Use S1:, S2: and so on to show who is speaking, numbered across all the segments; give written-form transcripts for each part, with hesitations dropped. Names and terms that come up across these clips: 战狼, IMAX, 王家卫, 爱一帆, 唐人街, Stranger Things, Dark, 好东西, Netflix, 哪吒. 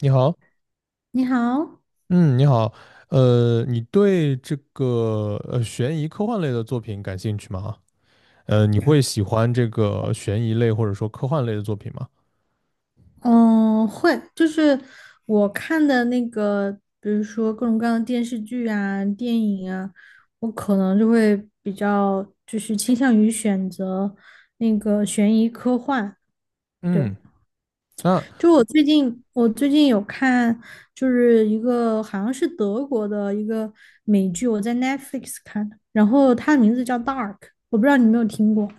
S1: 你好，
S2: 你好，
S1: 嗯，你好，你对这个悬疑科幻类的作品感兴趣吗？你会喜欢这个悬疑类或者说科幻类的作品吗？
S2: 嗯，会，我看的比如说各种各样的电视剧啊、电影啊，我可能就会比较就是倾向于选择那个悬疑科幻。对，
S1: 嗯，那
S2: 就我最近我最近有看，就是一个好像是德国的一个美剧，我在 Netflix 看的，然后它的名字叫《Dark》，我不知道你有没有听过。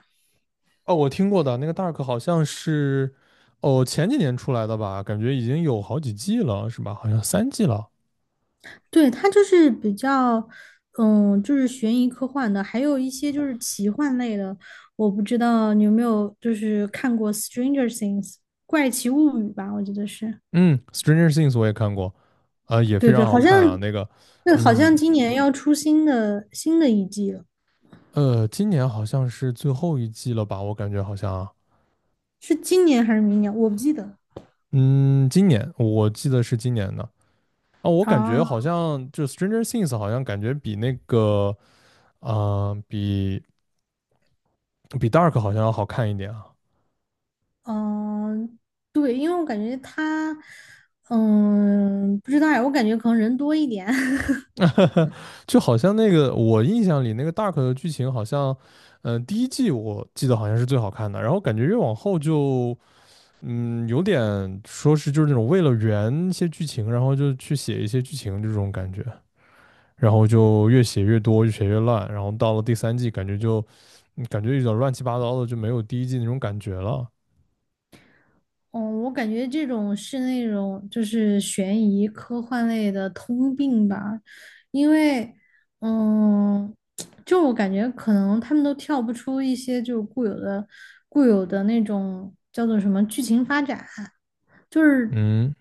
S1: 哦，我听过的那个 Dark 好像是哦前几年出来的吧，感觉已经有好几季了，是吧？好像三季了。
S2: 对，它就是比较，嗯，就是悬疑科幻的，还有一些就是奇幻类的。我不知道你有没有看过《Stranger Things》怪奇物语吧？我记得是，
S1: 嗯，Stranger Things 我也看过，也非
S2: 对
S1: 常
S2: 对，
S1: 好
S2: 好像，
S1: 看啊。那个，
S2: 对，好
S1: 嗯，
S2: 像今年要出新的一季了，
S1: 今年好像是最后一季了吧？我感觉好像啊。
S2: 是今年还是明年？我不记得。
S1: 嗯，今年我记得是今年的啊，我感
S2: 啊，
S1: 觉好像就 Stranger Things 好像感觉比那个啊、呃比比 Dark 好像要好看一点啊，
S2: 嗯，对，因为我感觉它，不知道呀，我感觉可能人多一点。
S1: 就好像那个我印象里那个 Dark 的剧情好像，第一季我记得好像是最好看的，然后感觉越往后就有点说是就是那种为了圆一些剧情，然后就去写一些剧情这种感觉，然后就越写越多，越写越烂，然后到了第三季，感觉有点乱七八糟的，就没有第一季那种感觉了。
S2: 嗯，我感觉这种是那种就是悬疑科幻类的通病吧，因为，嗯，就我感觉可能他们都跳不出一些固有的那种叫做什么剧情发展，就是
S1: 嗯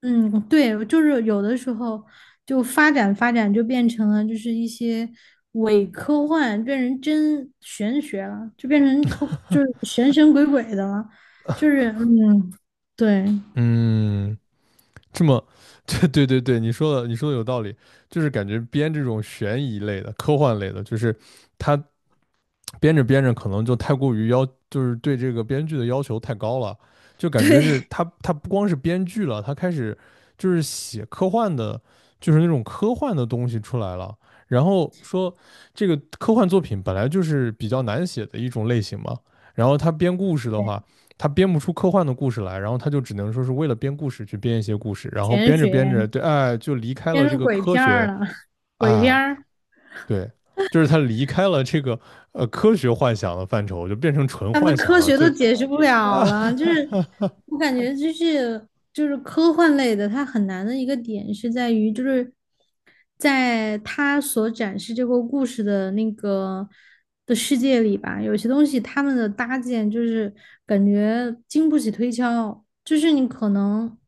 S2: 嗯，对，就是有的时候就发展就变成了就是一些伪科幻，变成真玄学了，就变成后就是神神鬼鬼的了，就是嗯，对。
S1: 嗯，这么 对对对，你说的有道理，就是感觉编这种悬疑类的、科幻类的，就是它编着编着可能就太过于要，就是对这个编剧的要求太高了，就感觉是他不光是编剧了，他开始就是写科幻的，就是那种科幻的东西出来了。然后说这个科幻作品本来就是比较难写的一种类型嘛，然后他编故事的话，他编不出科幻的故事来，然后他就只能说是为了编故事去编一些故事，然后
S2: 玄
S1: 编着编着，
S2: 学
S1: 对，哎，就离开了
S2: 变
S1: 这
S2: 成
S1: 个
S2: 鬼
S1: 科
S2: 片儿
S1: 学
S2: 了，鬼片
S1: 啊，
S2: 儿，
S1: 对，就是他离开了这个科学幻想的范畴，就变成纯
S2: 他们
S1: 幻
S2: 的
S1: 想
S2: 科
S1: 了，
S2: 学
S1: 就
S2: 都解释不了了。我感觉就是科幻类的，它很难的一个点是在于，在他所展示这个故事的那个世界里吧，有些东西他们的搭建感觉经不起推敲，就是你可能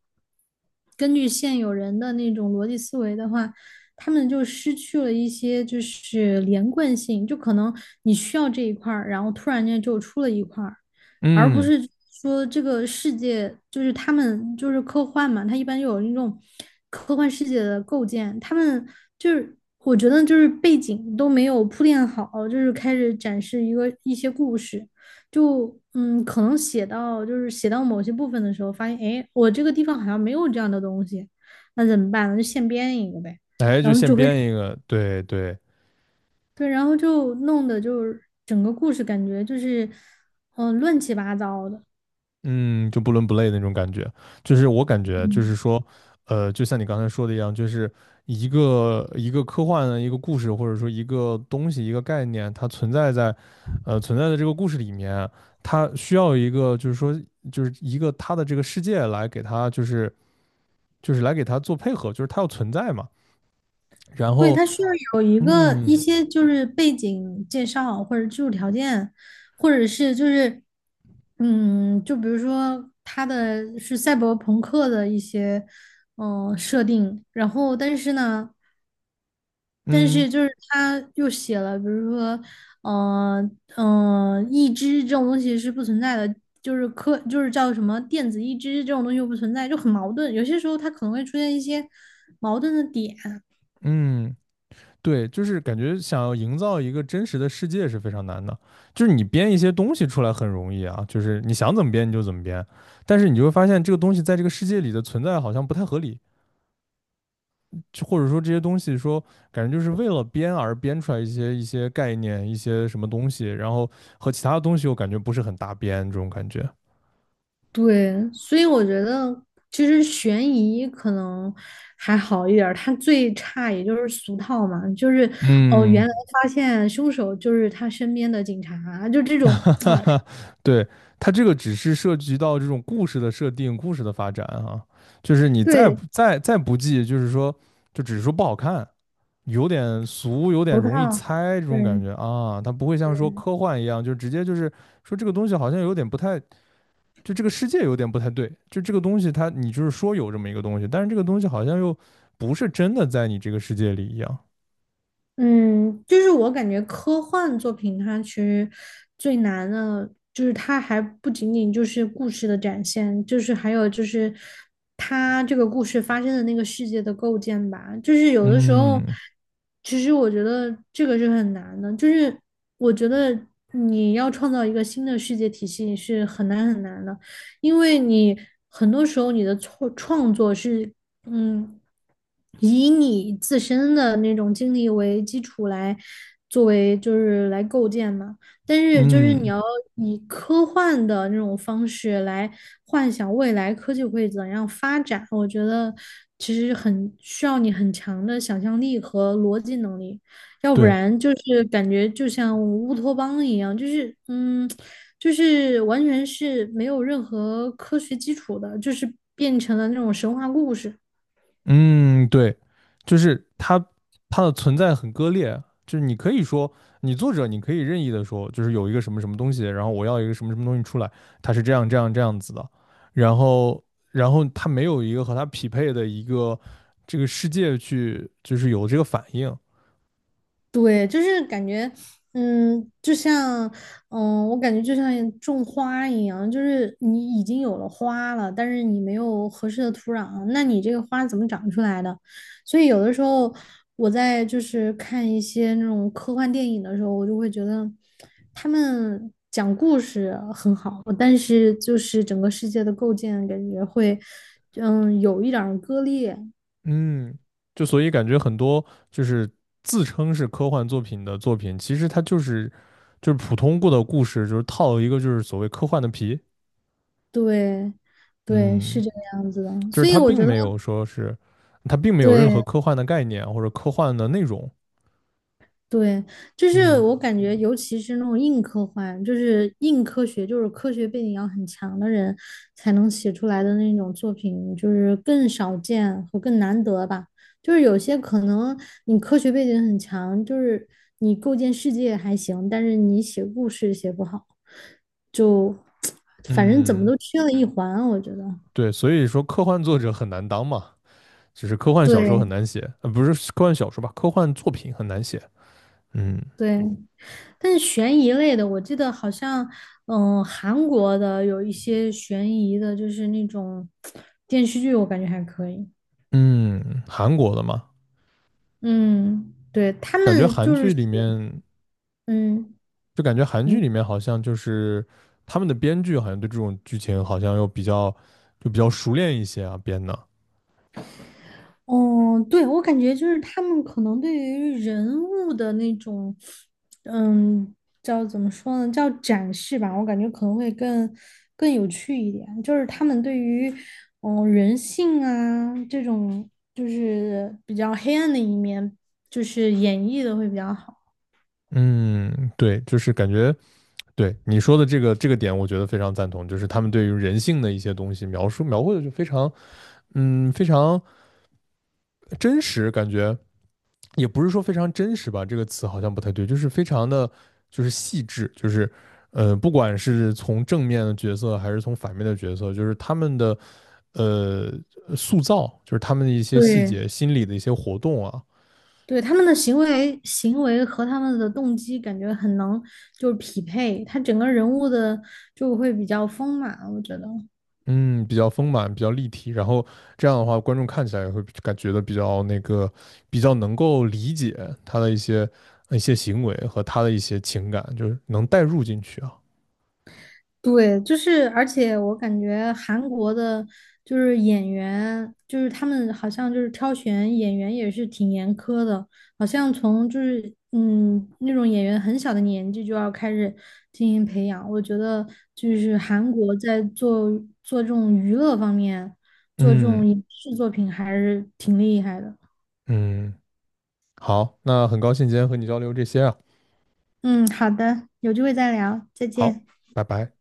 S2: 根据现有人的那种逻辑思维的话。他们就失去了一些就是连贯性，就可能你需要这一块儿，然后突然间就出了一块儿，而不
S1: 嗯，
S2: 是说这个世界就是他们就是科幻嘛，它一般有那种科幻世界的构建，他们就是我觉得就是背景都没有铺垫好，就是开始展示一个一些故事，可能写到某些部分的时候，发现哎，我这个地方好像没有这样的东西，那怎么办呢？就现编一个呗，
S1: 哎，就
S2: 然后
S1: 现
S2: 就会
S1: 编一个，对对，
S2: 对，然后就弄得就是整个故事感觉就是乱七八糟的。
S1: 嗯，就不伦不类的那种感觉。就是我感觉，就
S2: 嗯。
S1: 是说，就像你刚才说的一样，就是一个科幻的一个故事，或者说一个东西、一个概念，它存在的这个故事里面，它需要一个就是说就是一个它的这个世界来给它就是来给它做配合，就是它要存在嘛。然
S2: 对，
S1: 后
S2: 它需要有一个一
S1: 嗯
S2: 些就是背景介绍，或者技术条件，或者是就是嗯，就比如说它的是赛博朋克的一些设定，然后但是呢，但
S1: 嗯
S2: 是就是它又写了，比如说义肢这种东西是不存在的，就是科就是叫什么电子义肢这种东西又不存在，就很矛盾。有些时候它可能会出现一些矛盾的点。
S1: 嗯，对，就是感觉想要营造一个真实的世界是非常难的，就是你编一些东西出来很容易啊，就是你想怎么编你就怎么编，但是你就会发现这个东西在这个世界里的存在好像不太合理，就或者说这些东西说感觉就是为了编而编出来一些概念一些什么东西，然后和其他的东西又感觉不是很搭边这种感觉。
S2: 对，所以我觉得其实悬疑可能还好一点儿，它最差也就是俗套嘛，就是哦，原
S1: 嗯。
S2: 来发现凶手就是他身边的警察，就这 种
S1: 哈哈
S2: 啊，
S1: 哈，对，它这个只是涉及到这种故事的设定、故事的发展啊，就是你再
S2: 对，
S1: 不再再不济，就是说，就只是说不好看，有点俗，有点
S2: 俗
S1: 容易
S2: 套，
S1: 猜这种感
S2: 对。
S1: 觉啊。它不会像说科幻一样，就直接就是说这个东西好像有点不太，就这个世界有点不太对，就这个东西它你就是说有这么一个东西，但是这个东西好像又不是真的在你这个世界里一样。
S2: 嗯，就是我感觉科幻作品它其实最难的，就是它还不仅仅就是故事的展现，就是还有就是它这个故事发生的那个世界的构建吧。就是有的时候，
S1: 嗯
S2: 其实我觉得这个是很难的，就是我觉得你要创造一个新的世界体系是很难的，因为你很多时候你的创作是嗯，以你自身的那种经历为基础来作为就是来构建嘛，但是就是你
S1: 嗯，
S2: 要以科幻的那种方式来幻想未来科技会怎样发展，我觉得其实很需要你很强的想象力和逻辑能力，要不
S1: 对。
S2: 然就是感觉就像乌托邦一样，就是完全是没有任何科学基础的，就是变成了那种神话故事。
S1: 嗯，对，就是它的存在很割裂，就是你可以说，你作者你可以任意的说，就是有一个什么什么东西，然后我要一个什么什么东西出来，它是这样这样这样子的，然后然后它没有一个和它匹配的一个这个世界去，就是有这个反应，
S2: 对，就是感觉，嗯，就像，嗯，我感觉就像种花一样，就是你已经有了花了，但是你没有合适的土壤，那你这个花怎么长出来的？所以有的时候我在就是看一些那种科幻电影的时候，我就会觉得他们讲故事很好，但是就是整个世界的构建感觉会，有一点儿割裂。
S1: 嗯，就所以感觉很多就是自称是科幻作品的作品，其实它就是普通过的故事，就是套一个就是所谓科幻的皮，
S2: 对，对,
S1: 嗯。
S2: 是这个样子的，
S1: 就是
S2: 所以我觉得
S1: 它并没有任何
S2: 对。
S1: 科幻的概念或者科幻的内容。
S2: 对，就是我
S1: 嗯
S2: 感觉，尤其是那种硬科幻，就是硬科学，就是科学背景要很强的人才能写出来的那种作品，就是更少见和更难得吧。就是有些可能你科学背景很强，就是你构建世界还行，但是你写故事写不好，就 反正怎么
S1: 嗯，
S2: 都缺了一环啊，我觉得。
S1: 对，所以说科幻作者很难当嘛，只是科幻小说
S2: 对，
S1: 很难写，不是科幻小说吧，科幻作品很难写。嗯
S2: 对,但是悬疑类的，我记得好像，韩国的有一些悬疑的，就是那种电视剧，我感觉还可以。
S1: 嗯，韩国的嘛，
S2: 嗯，对，他
S1: 感觉
S2: 们
S1: 韩
S2: 就是
S1: 剧
S2: 写，
S1: 里面
S2: 嗯，
S1: 感觉韩
S2: 你
S1: 剧里面好像就是他们的编剧好像对这种剧情好像又比较熟练一些啊编的。
S2: 哦，对，我感觉就是他们可能对于人物的那种，嗯，叫怎么说呢，叫展示吧，我感觉可能会更有趣一点。就是他们对于，人性啊这种，就是比较黑暗的一面，就是演绎的会比较好。
S1: 嗯，对，就是感觉对你说的这个点，我觉得非常赞同，就是他们对于人性的一些东西描述描绘的就非常，嗯，非常真实，感觉也不是说非常真实吧，这个词好像不太对，就是非常的，就是细致，就是，不管是从正面的角色还是从反面的角色，就是他们的呃塑造，就是他们的一些细
S2: 对，
S1: 节、心理的一些活动啊，
S2: 对，他们的行为和他们的动机感觉很能就是匹配，他整个人物的就会比较丰满，我觉得。
S1: 嗯，比较丰满，比较立体，然后这样的话，观众看起来也会感觉的比较那个，比较能够理解他的一些行为和他的一些情感，就是能带入进去啊。
S2: 对，就是，而且我感觉韩国的，就是演员，就是他们好像就是挑选演员也是挺严苛的，好像从那种演员很小的年纪就要开始进行培养。我觉得就是韩国在做这种娱乐方面，做这
S1: 嗯
S2: 种影视作品还是挺厉害的。
S1: 嗯，好，那很高兴今天和你交流这些啊。
S2: 嗯，好的，有机会再聊，再
S1: 好，
S2: 见。
S1: 拜拜。